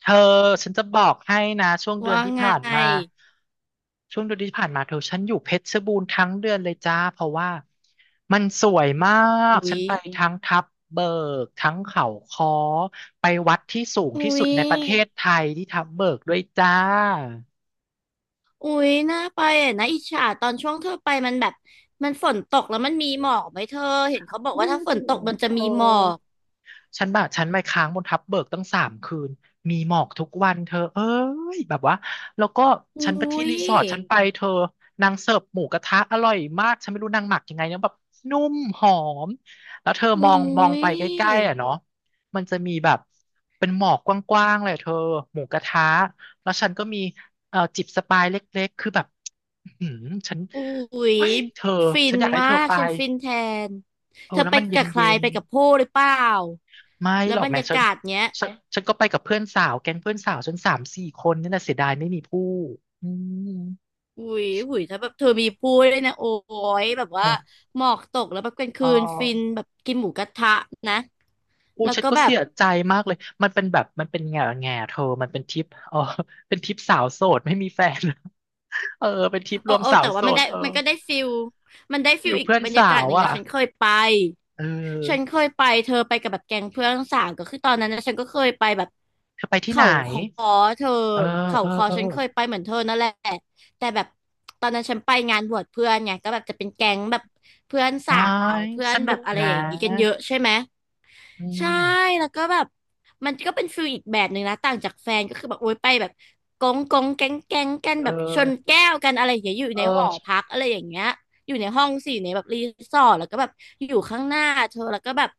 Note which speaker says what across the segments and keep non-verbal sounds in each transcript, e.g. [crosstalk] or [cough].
Speaker 1: เธอฉันจะบอกให้นะช่วงเดือน
Speaker 2: ว่า
Speaker 1: ที่
Speaker 2: ไง
Speaker 1: ผ่านมาช่วงเดือนที่ผ่านมาเธอฉันอยู่เพชรบูรณ์ทั้งเดือนเลยจ้าเพราะว่ามันสวยมาก
Speaker 2: อุ๊
Speaker 1: ฉั
Speaker 2: ย
Speaker 1: นไปทั้งทับเบิกทั้งเขาค้อไปวัดที่สูง
Speaker 2: อุ๊
Speaker 1: ที่สุด
Speaker 2: ย
Speaker 1: ในประเทศไทยที่ทับเบิกด้วยจ้า
Speaker 2: อุ๊ยน่าไปอ่ะนะอิจฉาตอนช่วงเธอไปมันแบบมันฝนตกแล้วมันมีหมอกไหมเธอเห็นเขาบอก
Speaker 1: อื
Speaker 2: ว่า
Speaker 1: ม
Speaker 2: ถ้าฝนตก
Speaker 1: ย
Speaker 2: มัน
Speaker 1: เธ
Speaker 2: จะ
Speaker 1: อ
Speaker 2: มีหมอก
Speaker 1: ฉันแบบฉันไปค้างบนทับเบิกตั้ง3 คืนมีหมอกทุกวันเธอเอ้ยแบบว่าแล้วก็ฉั
Speaker 2: อุ๊
Speaker 1: นไปที่
Speaker 2: ย
Speaker 1: รีสอร์ทฉันไปเธอนางเสิร์ฟหมูกระทะอร่อยมากฉันไม่รู้นางหมักยังไงนะแบบนุ่มหอมแล้วเธอมอ
Speaker 2: อุ๊
Speaker 1: งมองไปใกล้ๆ
Speaker 2: ย
Speaker 1: อ่ะเนาะมันจะมีแบบเป็นหมอกกว้างๆเลยเธอหมูกระทะแล้วฉันก็มีจิบสปายเล็กๆคือแบบอื้อหือฉัน
Speaker 2: อุ๊ย
Speaker 1: เฮ้ยเธอ
Speaker 2: ฟิ
Speaker 1: ฉั
Speaker 2: น
Speaker 1: นอยากให้
Speaker 2: มา
Speaker 1: เธอ
Speaker 2: ก
Speaker 1: ไป
Speaker 2: ฉันฟินแทน
Speaker 1: เอ
Speaker 2: เธ
Speaker 1: อ
Speaker 2: อ
Speaker 1: แล้ว
Speaker 2: ไป
Speaker 1: มันเย็
Speaker 2: กั
Speaker 1: น
Speaker 2: บใคร
Speaker 1: เย็น
Speaker 2: ไปกับผู้หรือเปล่า
Speaker 1: ไม่
Speaker 2: แล้
Speaker 1: หร
Speaker 2: ว
Speaker 1: อก
Speaker 2: บรร
Speaker 1: แม่
Speaker 2: ยา
Speaker 1: ฉัน
Speaker 2: กาศเนี้ย
Speaker 1: ฉันก็ไปกับเพื่อนสาวแก๊งเพื่อนสาวฉัน3-4 คนนี่แหละเสียดายไม่มีผู้อืม
Speaker 2: อุ๊ยอุ๊ยถ้าแบบเธอมีผู้ด้วยนะโอ้ยแบบ
Speaker 1: เอ
Speaker 2: ว่า
Speaker 1: อ
Speaker 2: หมอกตกแล้วแบบกลาง
Speaker 1: อ๋อ
Speaker 2: คืนฟินแบบกินหมูกระทะนะ
Speaker 1: อู้
Speaker 2: แล้ว
Speaker 1: ฉัน
Speaker 2: ก็
Speaker 1: ก็
Speaker 2: แบ
Speaker 1: เสี
Speaker 2: บ
Speaker 1: ยใจมากเลยมันเป็นแบบมันเป็นแง่เธอมันเป็นทริปเออเป็นทริปสาวโสดไม่มีแฟนเออเป็นทริปร
Speaker 2: โอ้
Speaker 1: วม
Speaker 2: โอ้
Speaker 1: สาว
Speaker 2: แต่
Speaker 1: โส
Speaker 2: ว่ามัน
Speaker 1: ด
Speaker 2: ได้
Speaker 1: เออ
Speaker 2: มันก็ได้ฟิลมันได้ฟิ
Speaker 1: ฟิ
Speaker 2: ล
Speaker 1: ล
Speaker 2: อีก
Speaker 1: เพื่อน
Speaker 2: บรร
Speaker 1: สา
Speaker 2: ยากาศ
Speaker 1: ว
Speaker 2: หนึ่ง
Speaker 1: อ่ะ
Speaker 2: นะฉันเคยไป
Speaker 1: เอ
Speaker 2: ฉัน
Speaker 1: อ
Speaker 2: เคยไปเธอไปกับแบบแก๊งเพื่อนสาวก็คือตอนนั้นนะฉันก็เคยไปแบบ
Speaker 1: เธอไปที่ไหน
Speaker 2: เขาคอเธอ
Speaker 1: เออ
Speaker 2: เขา
Speaker 1: เออ
Speaker 2: คอ
Speaker 1: เออ
Speaker 2: ฉันเคยไปเหมือนเธอนั่นแหละแต่แบบตอนนั้นฉันไปงานบวชเพื่อนไงก็แบบจะเป็นแก๊งแบบเพื่อน
Speaker 1: อ๋อ
Speaker 2: สาวเพื่อ
Speaker 1: ส
Speaker 2: นแบ
Speaker 1: นุ
Speaker 2: บ
Speaker 1: ก
Speaker 2: อะไร
Speaker 1: นะ
Speaker 2: อย่างงี้กันเยอะใช่ไหม
Speaker 1: อื
Speaker 2: ใช่
Speaker 1: ม
Speaker 2: แล้วก็แบบมันก็เป็นฟิลอีกแบบหนึ่งนะต่างจากแฟนก็คือแบบโอ๊ยไปแบบกงกงแก๊งแก๊งกัน
Speaker 1: เ
Speaker 2: แบบชน
Speaker 1: ออ
Speaker 2: แก้วกันอะไรอย่างเงี้ยอยู่
Speaker 1: เอ
Speaker 2: ในหอ
Speaker 1: อ
Speaker 2: พักอะไรอย่างเงี้ยอยู่ในห้องสี่ในแบบรีสอร์ทแล้วก็แบบอยู่ข้างหน้าเธอแล้วก็แบบ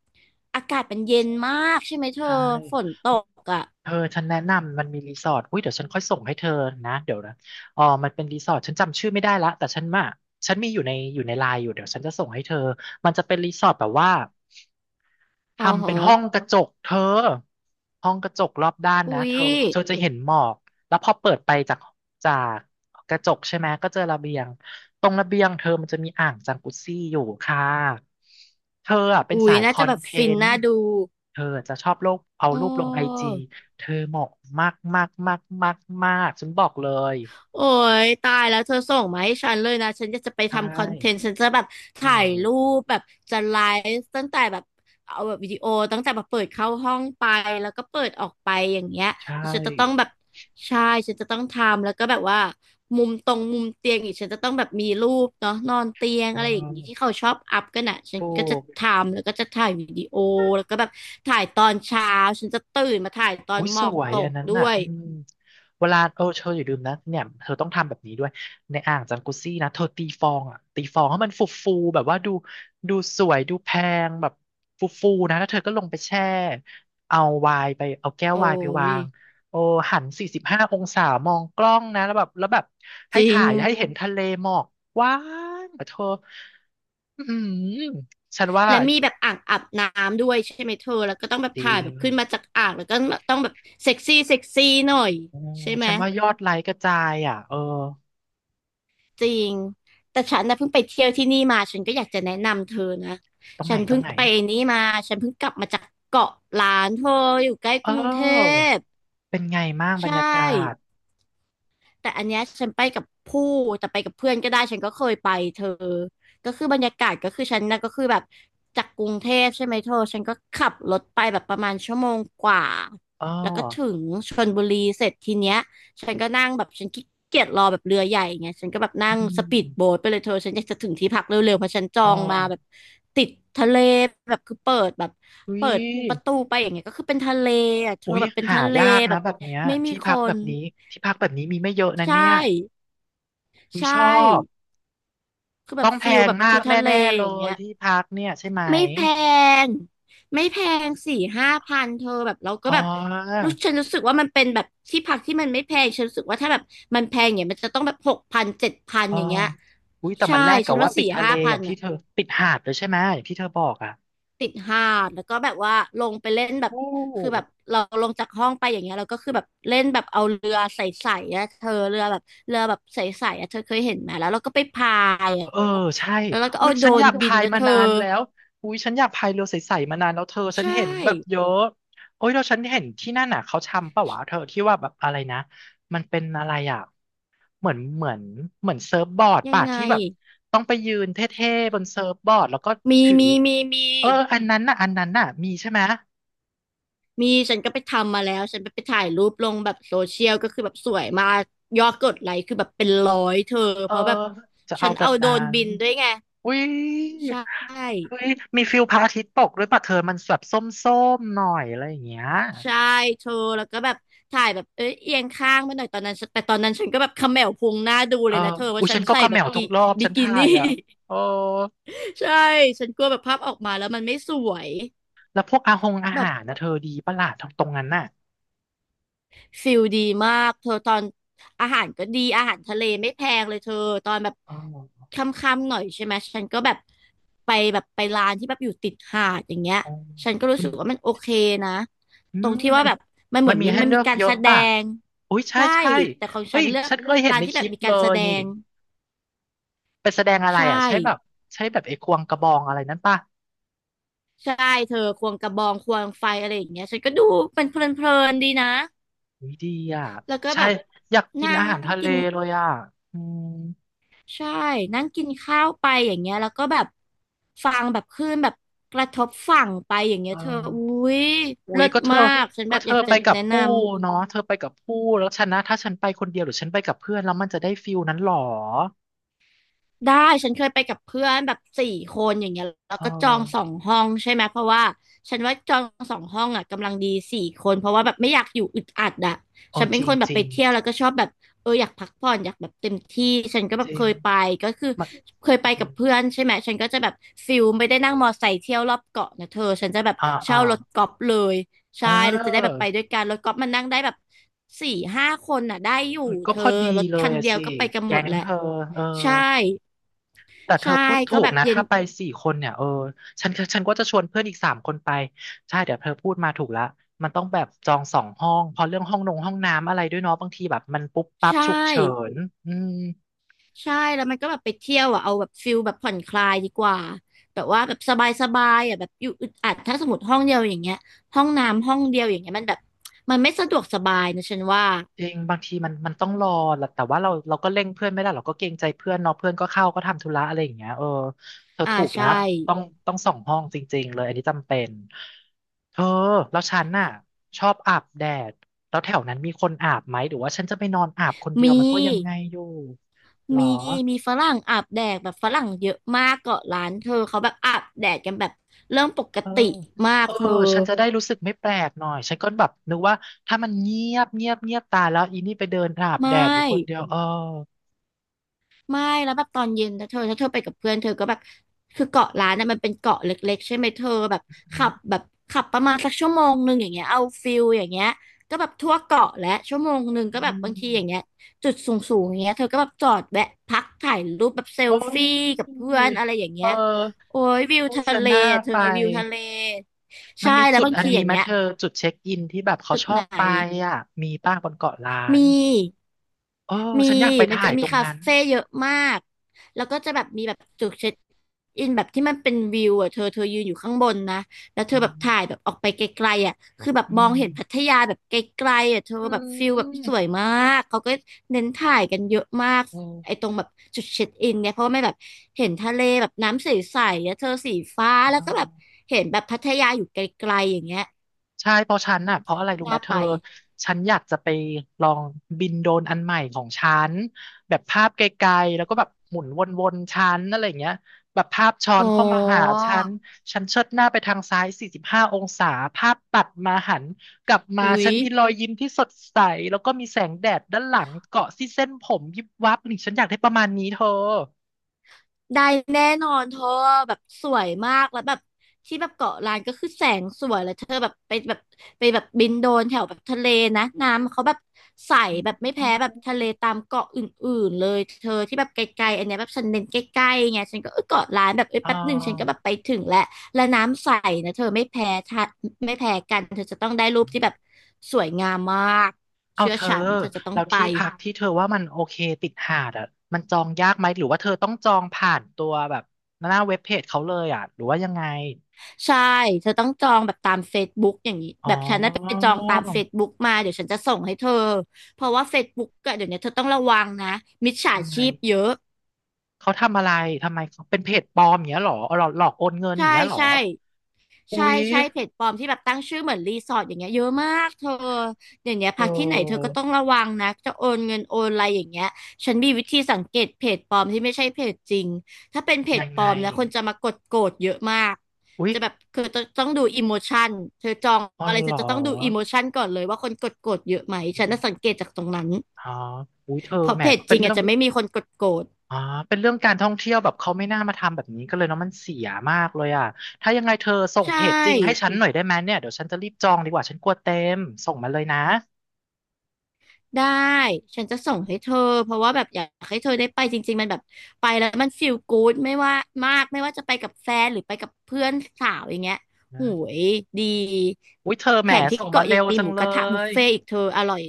Speaker 2: อากาศมันเย็นมากใช่ไหมเธอ
Speaker 1: ใช่
Speaker 2: ฝนตกอ่ะ
Speaker 1: เธอฉันแนะนำมันมีรีสอร์ทอุ้ยเดี๋ยวฉันค่อยส่งให้เธอนะเดี๋ยวนะอ๋อมันเป็นรีสอร์ทฉันจำชื่อไม่ได้ละแต่ฉันมาฉันมีอยู่ในอยู่ในไลน์อยู่เดี๋ยวฉันจะส่งให้เธอมันจะเป็นรีสอร์ทแบบว่า
Speaker 2: อ๋อ
Speaker 1: ทำเป็นห้อง
Speaker 2: ฮะ
Speaker 1: กระจกเธอห้องกระจกรอบด้านนะ
Speaker 2: อุ๊ย
Speaker 1: เธอเธอจะเห็นหมอกแล้วพอเปิดไปจากกระจกใช่ไหมก็เจอระเบียงตรงระเบียงเธอมันจะมีอ่างจังกุซี่อยู่ค่ะเธออ่ะเป็น
Speaker 2: อุ๊ย
Speaker 1: สาย
Speaker 2: น่า
Speaker 1: คอ
Speaker 2: จะแบ
Speaker 1: น
Speaker 2: บ
Speaker 1: เท
Speaker 2: ฟิน
Speaker 1: นต์
Speaker 2: น่าดู
Speaker 1: เธอจะชอบลงเอา
Speaker 2: อ๋อ
Speaker 1: รูปลงไอจีเธอเหมาะมากมากมากมากมากฉันบอกเลย
Speaker 2: โอ้ยตายแล้วเธอส่งมาให้ฉันเลยนะฉันจะไป
Speaker 1: ใช
Speaker 2: ทำคอนเทน
Speaker 1: ่
Speaker 2: ต์ฉันจะแบบ
Speaker 1: อื
Speaker 2: ถ่ายรู
Speaker 1: ม
Speaker 2: ปแบบจะไลฟ์ตั้งแต่แบบเอาแบบวิดีโอตั้งแต่แบบเปิดเข้าห้องไปแล้วก็เปิดออกไปอย่างเงี้ย
Speaker 1: ใช
Speaker 2: ฉันจะต้อง
Speaker 1: ่
Speaker 2: แบบใช่ฉันจะต้องทำแล้วก็แบบว่ามุมตรงมุมเตียงอีกฉันจะต้องแบบมีรูปเนาะนอนเตียง
Speaker 1: เอ
Speaker 2: อะไรอย่างงี้ที่
Speaker 1: อ
Speaker 2: เขาชอบอัพกันอ่ะฉัน
Speaker 1: ถู
Speaker 2: ก็จะ
Speaker 1: ก
Speaker 2: ทำแล้วก็จะถ่ายวิดีโอแล้วก็แบบถ่ายตอนเช้าฉันจะตื่นมาถ่ายตอ
Speaker 1: อุ้
Speaker 2: น
Speaker 1: ย
Speaker 2: หม
Speaker 1: ส
Speaker 2: อก
Speaker 1: วย
Speaker 2: ต
Speaker 1: อัน
Speaker 2: ก
Speaker 1: นั้น
Speaker 2: ด้
Speaker 1: น่ะ
Speaker 2: วย
Speaker 1: อืมเวลาเออเธออย่าลืมนะเนี่ยเธอต้องทำแบบนี้ด้วยในอ่างจังกุซี่นะเธอตีฟองอ่ะตีฟองให้มันฟูฟูแบบว่าดูสวยดูแพงแบบฟูฟูนะแล้วเธอก็ลงไปแช่เอาไวน์ไปเอาแก้วไว
Speaker 2: โอ้
Speaker 1: น์ไปวา
Speaker 2: ย
Speaker 1: งโอ้หัน45 องศามองกล้องนะแล้วแบบ
Speaker 2: จ
Speaker 1: ให้
Speaker 2: ริง
Speaker 1: ถ่ายให้เห็นทะเลหมอกกว้างอะเธออืมฉันว่า
Speaker 2: และมีแบบอ่างอาบน้ำด้วยใช่ไหมเธอแล้วก็ต้องแบบ
Speaker 1: จริ
Speaker 2: ถ่ายแบ
Speaker 1: ง
Speaker 2: บขึ้นมาจากอ่างแล้วก็ต้องแบบเซ็กซี่เซ็กซี่หน่อย
Speaker 1: โอ้
Speaker 2: ใช่ไหม
Speaker 1: ฉันว่ายอดไลค์กระจายอ่ะเออ
Speaker 2: จริงแต่ฉันนะเพิ่งไปเที่ยวที่นี่มาฉันก็อยากจะแนะนำเธอนะ
Speaker 1: ตรง
Speaker 2: ฉั
Speaker 1: ไหน
Speaker 2: น
Speaker 1: ตร
Speaker 2: เพิ่ง
Speaker 1: งไหน
Speaker 2: ไปนี่มาฉันเพิ่งกลับมาจากเกาะล้านเธออยู่ใกล้
Speaker 1: เ
Speaker 2: กรุงเท
Speaker 1: ออ
Speaker 2: พ
Speaker 1: เป็นไงบ้าง
Speaker 2: ใช
Speaker 1: บรรยากาศ
Speaker 2: ่ แต่อันเนี้ยฉันไปกับผู้แต่ไปกับเพื่อนก็ได้ฉันก็เคยไปเธอก็คือบรรยากาศก็คือฉันนะก็คือแบบจากกรุงเทพใช่ไหมเธอฉันก็ขับรถไปแบบประมาณชั่วโมงกว่า
Speaker 1: อ๋อ
Speaker 2: แล้วก็ถึงชลบุรีเสร็จทีเนี้ยฉันก็นั่งแบบฉันขี้เกียจรอแบบเรือใหญ่ไงฉันก็แบบนั่ง
Speaker 1: อื
Speaker 2: สปีดโบ๊
Speaker 1: ม
Speaker 2: ทไปเลยเธอฉันอยากจะถึงที่พักเร็วๆเพราะฉันจอ
Speaker 1: อ๋อ
Speaker 2: งมาแบบติดทะเลแบบคือเปิดแบบ
Speaker 1: อุ้
Speaker 2: เปิ
Speaker 1: ย
Speaker 2: ดประตูไปอย่างเงี้ยก็คือเป็นทะเลอ่ะเธอ
Speaker 1: อุ้ย
Speaker 2: แบบเป็น
Speaker 1: หา
Speaker 2: ทะเล
Speaker 1: ยาก
Speaker 2: แบ
Speaker 1: นะ
Speaker 2: บ
Speaker 1: แบบเนี้ย
Speaker 2: ไม่มี
Speaker 1: ที่
Speaker 2: ค
Speaker 1: พักแบ
Speaker 2: น
Speaker 1: บนี้ที่พักแบบนี้มีไม่เยอะนะ
Speaker 2: ใช
Speaker 1: เนี่ย
Speaker 2: ่
Speaker 1: อุ้
Speaker 2: ใช
Speaker 1: ยชอบ
Speaker 2: ่ คือแบ
Speaker 1: ต้
Speaker 2: บ
Speaker 1: องแพ
Speaker 2: ฟิล
Speaker 1: ง
Speaker 2: แบบ
Speaker 1: มา
Speaker 2: คือ
Speaker 1: ก
Speaker 2: ทะเล
Speaker 1: แน่ๆ
Speaker 2: อ
Speaker 1: เล
Speaker 2: ย่างเงี้
Speaker 1: ย
Speaker 2: ย
Speaker 1: ที่พักเนี่ยใช่ไหม
Speaker 2: ไม่แพงไม่แพงสี่ห้าพันเธอแบบเราก็
Speaker 1: อ๋อ
Speaker 2: แบบรู้ฉันรู้สึกว่ามันเป็นแบบที่พักที่มันไม่แพง ฉันรู้สึกว่าถ้าแบบมันแพงเนี่ยมันจะต้องแบบหกพันเจ็ดพัน
Speaker 1: อ๋อ
Speaker 2: อย่างเงี้ย
Speaker 1: อุ้ยแต่
Speaker 2: ใช่
Speaker 1: มันแลก
Speaker 2: ฉั
Speaker 1: กับ
Speaker 2: น
Speaker 1: ว่า
Speaker 2: ว่า
Speaker 1: ติ
Speaker 2: สี่
Speaker 1: ดทะเล
Speaker 2: ห้า
Speaker 1: อ
Speaker 2: พั
Speaker 1: ย่า
Speaker 2: น
Speaker 1: งที่เธอติดหาดเลยใช่ไหมอย่างที่เธอบอกอ่ะ
Speaker 2: ติดห้างแล้วก็แบบว่าลงไปเล่นแบบ
Speaker 1: โอ้
Speaker 2: คือแบบเราลงจากห้องไปอย่างเงี้ยเราก็คือแบบเล่นแบบเอาเรือใสๆอะเธอเรือแบบเรือแบบใสๆอะเธอเคยเห็นไหมแล้วเราก็ไปพาย
Speaker 1: เอ
Speaker 2: อะ
Speaker 1: อใช่
Speaker 2: แล้วเราก็
Speaker 1: อุ๊
Speaker 2: เอา
Speaker 1: ย
Speaker 2: โดร
Speaker 1: ฉันอ
Speaker 2: น
Speaker 1: ยาก
Speaker 2: บิน
Speaker 1: พาย
Speaker 2: นะ
Speaker 1: มา
Speaker 2: เธอ
Speaker 1: นานแล้วอุ๊ยฉันอยากพายเรือใสๆมานานแล้วเธอฉัน
Speaker 2: ใช่
Speaker 1: เห็นแบบเยอะโอ้ยแล้วฉันเห็นที่นั่นน่ะเขาทำปะวะเธอที่ว่าแบบอะไรนะมันเป็นอะไรอ่ะเหมือนเหมือนเหมือนเซิร์ฟบอร์ด
Speaker 2: ยัง
Speaker 1: ป่ะ
Speaker 2: ไง
Speaker 1: ที่แบบต้องไปยืนเท่ๆบนเซิร์ฟบอร์ดแล้วก็
Speaker 2: มี
Speaker 1: ถือ
Speaker 2: มีมีมี
Speaker 1: เอออันนั้นน่ะอันนั้นน่ะมีใช่ไหม
Speaker 2: มีฉันก็ไปทำมาแล้วฉันไปไปถ่ายรูปลงแบบโซเชียลก็คือแบบสวยมากยอดกดไลค์คือแบบเป็นร้อยเธอ
Speaker 1: เออ
Speaker 2: เพราะแบบ
Speaker 1: จะ
Speaker 2: ฉั
Speaker 1: เอา
Speaker 2: น
Speaker 1: แบ
Speaker 2: เอา
Speaker 1: บ
Speaker 2: โดร
Speaker 1: นั้
Speaker 2: น
Speaker 1: น
Speaker 2: บินด้วยไง
Speaker 1: อุ๊ย
Speaker 2: ใช่
Speaker 1: อุ๊ยมีฟิลพระอาทิตย์ตกด้วยป่ะเธอมันแบบส้มๆหน่อยอะไรอย่างเงี้ย
Speaker 2: ใช่เธอแล้วก็แบบถ่ายแบบเอ้ยเอียงข้างมาหน่อยตอนนั้นฉันแต่ตอนนั้นฉันก็แบบเขม่วพุงหน้าดู
Speaker 1: เอ
Speaker 2: เล
Speaker 1: อ
Speaker 2: ยนะเธอ
Speaker 1: อุ
Speaker 2: ว่า
Speaker 1: ย
Speaker 2: ฉั
Speaker 1: ฉั
Speaker 2: น
Speaker 1: นก็
Speaker 2: ใส่
Speaker 1: กระ
Speaker 2: แบ
Speaker 1: แม
Speaker 2: บ
Speaker 1: วทุกรอบ
Speaker 2: บิ
Speaker 1: ฉัน
Speaker 2: กิ
Speaker 1: ถ่า
Speaker 2: นี่
Speaker 1: ยอ่ะเออ
Speaker 2: [laughs] ใช่ฉันกลัวแบบภาพออกมาแล้วมันไม่สวย
Speaker 1: แล้วพวกอาหงอา
Speaker 2: แบ
Speaker 1: หา
Speaker 2: บ
Speaker 1: รนะเธอดีปะล่ะทางตรงนั้นน่ะ
Speaker 2: ฟิลดีมากเธอตอนอาหารก็ดีอาหารทะเลไม่แพงเลยเธอตอนแบบ
Speaker 1: เออ
Speaker 2: ค่ำๆหน่อยใช่ไหมฉันก็แบบไปแบบไปร้านที่แบบอยู่ติดหาดอย่างเงี้ย
Speaker 1: เออ
Speaker 2: ฉันก็รู้
Speaker 1: มัน
Speaker 2: สึกว่ามันโอเคนะ
Speaker 1: อื
Speaker 2: ตรง
Speaker 1: ม
Speaker 2: ที่
Speaker 1: มั
Speaker 2: ว่า
Speaker 1: น
Speaker 2: แบบมันเห
Speaker 1: มั
Speaker 2: มื
Speaker 1: น
Speaker 2: อน
Speaker 1: มี
Speaker 2: มี
Speaker 1: ให้
Speaker 2: มัน
Speaker 1: เลื
Speaker 2: มี
Speaker 1: อก
Speaker 2: การ
Speaker 1: เย
Speaker 2: แส
Speaker 1: อะ
Speaker 2: ด
Speaker 1: ป่ะ
Speaker 2: ง
Speaker 1: อุ้ยใช่
Speaker 2: ใช่
Speaker 1: ใช่
Speaker 2: แต่ของ
Speaker 1: เฮ้
Speaker 2: ฉัน
Speaker 1: ย
Speaker 2: เลือก
Speaker 1: ฉันเคยเห็น
Speaker 2: ร้าน
Speaker 1: ใน
Speaker 2: ที่
Speaker 1: ค
Speaker 2: แบ
Speaker 1: ลิ
Speaker 2: บ
Speaker 1: ป
Speaker 2: มี
Speaker 1: เล
Speaker 2: การแส
Speaker 1: ย
Speaker 2: ด
Speaker 1: นี่
Speaker 2: ง
Speaker 1: ไปแสดงอะไร
Speaker 2: ใช
Speaker 1: อ่ะ
Speaker 2: ่
Speaker 1: ใช่แบบใช่แบบไอ้ควงกระบองอะไรนั้นป่ะ
Speaker 2: ใช่เธอควงกระบองควงไฟอะไรอย่างเงี้ยฉันก็ดูเป็นเพลินๆดีนะ
Speaker 1: อุ้ยดีอ่ะ
Speaker 2: แล้วก็
Speaker 1: ใช่
Speaker 2: แบบ
Speaker 1: อยากกิน
Speaker 2: นั่ง
Speaker 1: อาหารทะเล
Speaker 2: กิน
Speaker 1: เลยอ่ะอืม
Speaker 2: ใช่นั่งกินข้าวไปอย่างเงี้ยแล้วก็แบบฟังแบบคลื่นแบบกระทบฝั่งไปอย่างเงี้
Speaker 1: เออ
Speaker 2: ยเธออุ้ย
Speaker 1: อุ๊
Speaker 2: เลิ
Speaker 1: ย
Speaker 2: ศ
Speaker 1: ก็เธอ
Speaker 2: มากฉัน
Speaker 1: ก็
Speaker 2: แบบ
Speaker 1: เธ
Speaker 2: อ
Speaker 1: อ
Speaker 2: ยากจะ
Speaker 1: ไปกับ
Speaker 2: แนะ
Speaker 1: ผู้
Speaker 2: นำ
Speaker 1: เนาะเธอไปกับผู้แล้วฉันนะถ้าฉันไปคนเดียวหรือฉันไปกับเพื่อนแล้วมันจะได้ฟิลนั้นหรอ
Speaker 2: ได้ฉันเคยไปกับเพื่อนแบบสี่คนอย่างเงี้ยแล้ว
Speaker 1: เอ
Speaker 2: ก็จองสอ
Speaker 1: อ
Speaker 2: งห้องใช่ไหมเพราะว่าฉันว่าจองสองห้องอ่ะกำลังดีสี่คนเพราะว่าแบบไม่อยากอยู่อึดอัดอ่ะ
Speaker 1: โอ้
Speaker 2: ฉันเป็
Speaker 1: จ
Speaker 2: น
Speaker 1: ริ
Speaker 2: ค
Speaker 1: ง
Speaker 2: นแบ
Speaker 1: จ
Speaker 2: บ
Speaker 1: ริ
Speaker 2: ไป
Speaker 1: ง
Speaker 2: เที่ยวแล้วก็ชอบแบบเอออยากพักผ่อนอยากแบบเต็มที่ฉันก็แบ
Speaker 1: จ
Speaker 2: บ
Speaker 1: ริง
Speaker 2: เคยไปก็คือ
Speaker 1: มัน
Speaker 2: เคยไปกับเพื่อนใช่ไหมฉันก็จะแบบฟิลไม่ได้นั่งมอไซค์เที่ยวรอบเกาะนะเธอฉันจะแบบ
Speaker 1: อ่าอ่า
Speaker 2: เช่ารถกอล์ฟเลย
Speaker 1: เ
Speaker 2: ใช่เราจะได้แบบ
Speaker 1: ออ
Speaker 2: ไปด้วยกันรถกอล์ฟมันนั่งได้แบบสี่ห้าคนอ่ะได้อยู่
Speaker 1: เออก็
Speaker 2: เธ
Speaker 1: พ
Speaker 2: อ
Speaker 1: อดี
Speaker 2: รถ
Speaker 1: เล
Speaker 2: คั
Speaker 1: ย
Speaker 2: น
Speaker 1: อะ
Speaker 2: เดียว
Speaker 1: สิ
Speaker 2: ก็ไปกันหม
Speaker 1: แก๊
Speaker 2: ด
Speaker 1: ง
Speaker 2: แหละ
Speaker 1: เธอเออ
Speaker 2: ใช่
Speaker 1: แต่เธอ
Speaker 2: ใช่
Speaker 1: พูด
Speaker 2: ก็
Speaker 1: ถูก
Speaker 2: แบบ
Speaker 1: นะ
Speaker 2: เย็น
Speaker 1: ถ้าไป4 คนเนี่ยเออฉันก็จะชวนเพื่อนอีก3 คนไปใช่เดี๋ยวเธอพูดมาถูกละมันต้องแบบจอง2 ห้องเพราะเรื่องห้องนงห้องน้ำอะไรด้วยเนาะบางทีแบบมันปุ๊บปั๊
Speaker 2: ใช
Speaker 1: บฉุกเฉิ
Speaker 2: ่
Speaker 1: นอืม
Speaker 2: ใช่แล้วมันก็แบบไปเที่ยวอ่ะเอาแบบฟิลแบบผ่อนคลายดีกว่าแบบว่าแบบสบายสบายอ่ะแบบอยู่อึดอัดถ้าสมมติห้องเดียวอย่างเงี้ยห้องน้ำห้องเดียวอย่างเงี้ยมันแบบมันไม่สะดวกสบายนะฉันว่า
Speaker 1: จริงบางทีมันต้องรอแหละแต่ว่าเราก็เร่งเพื่อนไม่ได้เราก็เกรงใจเพื่อนเนาะเพื่อนก็เข้าก็ทำธุระอะไรอย่างเงี้ยเออเธอ
Speaker 2: อ่า
Speaker 1: ถูกแล้
Speaker 2: ใช่
Speaker 1: วต้องต้องส่องห้องจริงๆเลยอันนี้จำเป็นเธอแล้วฉันน่ะชอบอาบแดดแล้วแถวนั้นมีคนอาบไหมหรือว่าฉันจะไปนอนอาบคนเดีย
Speaker 2: มี
Speaker 1: วมันก็ยังไงอยู่หรอ
Speaker 2: มีมีฝรั่งอาบแดดแบบฝรั่งเยอะมากเกาะร้านเธอเขาแบบอาบแดดกันแบบเรื่องปก
Speaker 1: เออ
Speaker 2: ติมาก
Speaker 1: เออ
Speaker 2: เธอ
Speaker 1: ฉันจะได้รู้สึกไม่แปลกหน่อยฉันก็แบบนึกว่าถ้ามันเงียบตายแล้วอีนี่ไปเดินอาบ
Speaker 2: ไม่
Speaker 1: แดดอยู่คนเดียวเออ
Speaker 2: ไม่แล้วแบบตอนเย็นนะเธอถ้าเธอไปกับเพื่อนเธอก็แบบคือเกาะล้านน่ะมันเป็นเกาะเล็กๆใช่ไหมเธอแบบขับแบบขับประมาณสักชั่วโมงหนึ่งอย่างเงี้ยเอาฟิลอย่างเงี้ยก็แบบทั่วเกาะและชั่วโมงหนึ่งก็
Speaker 1: อื
Speaker 2: แบบบางทีอย่างเงี้
Speaker 1: ม
Speaker 2: ยจุดสูงๆอย่างเงี้ยเธอก็แบบจอดแวะพักถ่ายรูปแบบเซ
Speaker 1: โอ้
Speaker 2: ล
Speaker 1: ย
Speaker 2: ฟี่กับเพื่อนอะไรอย่าง
Speaker 1: เอ
Speaker 2: เงี้ย
Speaker 1: อ
Speaker 2: โอ้ยวิว
Speaker 1: โฆ
Speaker 2: ทะ
Speaker 1: ษ
Speaker 2: เล
Speaker 1: ณา
Speaker 2: อะเธอ
Speaker 1: ไป
Speaker 2: วิวทะเล
Speaker 1: มั
Speaker 2: ใช่
Speaker 1: นมี
Speaker 2: แล้ว
Speaker 1: จุด
Speaker 2: บาง
Speaker 1: อัน
Speaker 2: ทีอ
Speaker 1: นี้
Speaker 2: ย่าง
Speaker 1: ไหม
Speaker 2: เงี้ย
Speaker 1: เธอจุดเช็คอินที่แบบเขา
Speaker 2: จุด
Speaker 1: ชอ
Speaker 2: ไหน
Speaker 1: บไปอ่ะมีป้าบนเกาะล้าน
Speaker 2: มี
Speaker 1: เออ
Speaker 2: มี
Speaker 1: ฉันอยากไป
Speaker 2: มัน
Speaker 1: ถ่า
Speaker 2: จะ
Speaker 1: ย
Speaker 2: มี
Speaker 1: ตรง
Speaker 2: คา
Speaker 1: นั้น
Speaker 2: เฟ่เยอะมากแล้วก็จะแบบมีแบบจุดเช็คอินแบบที่มันเป็นวิวอ่ะเธอเธอยืนอยู่ข้างบนนะแล้วเธอ
Speaker 1: อื
Speaker 2: แบบ
Speaker 1: ม
Speaker 2: ถ่ายแบบออกไปไกลๆอ่ะคือแบบ
Speaker 1: อื
Speaker 2: มอง
Speaker 1: ม
Speaker 2: เห็นพัทยาแบบไกลๆอ่ะเธอ
Speaker 1: อื
Speaker 2: แบบฟิลแบบสวย
Speaker 1: ม
Speaker 2: มากเขาก็เน้นถ่ายกันเยอะมาก
Speaker 1: เ
Speaker 2: ไอ้ตรงแบบจุดเช็คอินเนี่ยเพราะว่าไม่แบบเห็นทะเลแบบน้ำใสๆอ่ะเธอสีฟ้า
Speaker 1: อ
Speaker 2: แล้วก็แบบ
Speaker 1: อ
Speaker 2: เห็นแบบพัทยาอยู่ไกลๆอย่างเงี้ย
Speaker 1: ใช่เพราะฉันน่ะเพราะอะไรรู้ไหม
Speaker 2: น่า
Speaker 1: เธ
Speaker 2: ไป
Speaker 1: อฉันอยากจะไปลองบินโดรนอันใหม่ของฉันแบบภาพไกลๆแล้วก็แบบหมุนวนๆฉันอะไรอย่างเงี้ยแบบภาพช้อ
Speaker 2: อ๋
Speaker 1: น
Speaker 2: อ
Speaker 1: เข้ามาหาฉันฉันเชิดหน้าไปทางซ้าย45องศาภาพตัดมาหันกลับมา
Speaker 2: อุ๊
Speaker 1: ฉั
Speaker 2: ย
Speaker 1: นมีรอยยิ้มที่สดใสแล้วก็มีแสงแดดด้านหลังเกาะที่เส้นผมยิบวับนี่ฉันอยากได้ประมาณนี้เธอ
Speaker 2: ได้แน่นอนเธอแบบสวยมากแล้วแบบที่แบบเกาะล้านก็คือแสงสวยแล้วเธอแบบไปแบบบินโดนแถวแบบทะเลนะน้ำเขาแบบใสแบบไม่แพ้แบบทะเลตามเกาะอื่นๆเลยเธอที่แบบไกลๆอันเนี้ยแบบฉันเน้นใกล้ๆไงฉันก็เออเกาะล้านแบบเอ้ย
Speaker 1: อ๋อ
Speaker 2: แป๊บหนึ่งฉันก็แบบไปถึงแล้วและน้ำใสนะเธอไม่แพ้กันเธอจะต้องได้รูปที่แบบสวยงามมาก
Speaker 1: เอา
Speaker 2: เชื่อ
Speaker 1: เธอ
Speaker 2: ฉันเธอจะต้อง
Speaker 1: แล้ว
Speaker 2: ไป
Speaker 1: ที่พักที่เธอว่ามันโอเคติดหาดอ่ะมันจองยากไหมหรือว่าเธอต้องจองผ่านตัวแบบหน้าเว็บเพจเขาเลยอ่ะหรือว่ายังไง
Speaker 2: ใช่ เธอต้องจองแบบตาม Facebook อย่างนี้
Speaker 1: อ๋อ
Speaker 2: แบบฉันน่ะไปจองตาม Facebook มา เดี๋ยวฉันจะส่งให้เธอ เพราะว่า Facebook อะเดี๋ยวนี้เธอต้องระวังนะมิจฉา
Speaker 1: ทำไม
Speaker 2: ชีพเยอะ
Speaker 1: เขาทำอะไรทำไมเขาเป็นเพจปลอมอย่างเงี้ยเหรอหลอกโอนเงินอย่า
Speaker 2: ใช่
Speaker 1: งเงี้ยเหรอ
Speaker 2: ใช่
Speaker 1: อุ๊
Speaker 2: ใช่
Speaker 1: ย
Speaker 2: ใช่เพจปลอมที่แบบตั้งชื่อเหมือนรีสอร์ทอย่างเงี้ยเยอะมากเธออย่างเงี้ย
Speaker 1: เ
Speaker 2: พักที่ไหนเธอ
Speaker 1: อ
Speaker 2: ก็
Speaker 1: อ
Speaker 2: ต้องระวังนะจะโอนเงินโอนอะไรอย่างเงี้ยฉันมีวิธีสังเกตเพจปลอมที่ไม่ใช่เพจจริงถ้าเป็นเพ
Speaker 1: ยั
Speaker 2: จ
Speaker 1: ง
Speaker 2: ปล
Speaker 1: ไง
Speaker 2: อมนะคนจะมากดโกรธเยอะมาก
Speaker 1: อุ๊ย
Speaker 2: จะแบบคือต้องดูอิโมชันเธอจอง
Speaker 1: อ๋อ
Speaker 2: อะไร
Speaker 1: เหร
Speaker 2: เธอ
Speaker 1: อ
Speaker 2: จะต้องดูอิโมชันก่อนเลยว่าคนกดโกรธเยอะไหม
Speaker 1: อ
Speaker 2: ฉัน
Speaker 1: ม
Speaker 2: น่ะสังเกตจากตรงนั้น
Speaker 1: อ๋ออุ๊ยเธอ
Speaker 2: เพราะ
Speaker 1: แหม
Speaker 2: เพจจ
Speaker 1: เป็น
Speaker 2: ริง
Speaker 1: เรื่
Speaker 2: อา
Speaker 1: อ
Speaker 2: จ
Speaker 1: ง
Speaker 2: จะไม่มีคนกดโกรธ
Speaker 1: อ๋อเป็นเรื่องการท่องเที่ยวแบบเขาไม่น่ามาทำแบบนี้ก็เลยเนาะมันเสียมากเลยอ่ะถ้ายังไงเธอส่ง
Speaker 2: ใช
Speaker 1: เพจจริงให้
Speaker 2: ่
Speaker 1: ฉันหน่อยได้ไหมเนี่ยเดี๋ยวฉันจะรีบจองดีกว่าฉันกลัวเต็มส่งมาเลยนะ
Speaker 2: ได้ ฉันจะส่งให้เธอ เพราะว่าแบบอยากให้เธอได้ไปจริงๆมันแบบไปแล้วมันฟีลกู๊ดไม่ว่ามากไม่ว่าจะไปกับแฟนหรือไปกับเพื่อนสาวอย่างเงี้ยโห
Speaker 1: นะ
Speaker 2: ยดี
Speaker 1: อุ้ยเธอแหม
Speaker 2: แถมที่
Speaker 1: ส่งมา
Speaker 2: เกาะ
Speaker 1: เร็
Speaker 2: ยัง
Speaker 1: ว
Speaker 2: มี
Speaker 1: จั
Speaker 2: ห
Speaker 1: ง
Speaker 2: มู
Speaker 1: เล
Speaker 2: กระทะบุฟ
Speaker 1: ย
Speaker 2: เฟ่ต์อีกเธออร่อย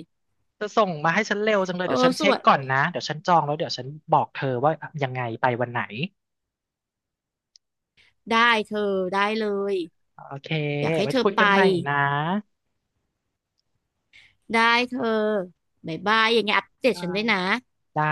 Speaker 1: เธอส่งมาให้ฉันเร็วจังเลย
Speaker 2: เออ
Speaker 1: เดี๋ยวฉัน
Speaker 2: ส
Speaker 1: เช็
Speaker 2: ว
Speaker 1: ค
Speaker 2: ย
Speaker 1: ก่อนนะเดี๋ยวฉันจองแล้วเดี๋ยวฉันบอกเธอว่ายังไงไปวันไหน
Speaker 2: ได้เธอได้เลย
Speaker 1: โอเค
Speaker 2: อยากให้
Speaker 1: ไว้
Speaker 2: เธอ
Speaker 1: คุย
Speaker 2: ไป
Speaker 1: กันใหม่นะ
Speaker 2: ได้เธอบ๊ายบายยังไงอัปเดต
Speaker 1: ได้
Speaker 2: ฉันด้วยนะ
Speaker 1: ได้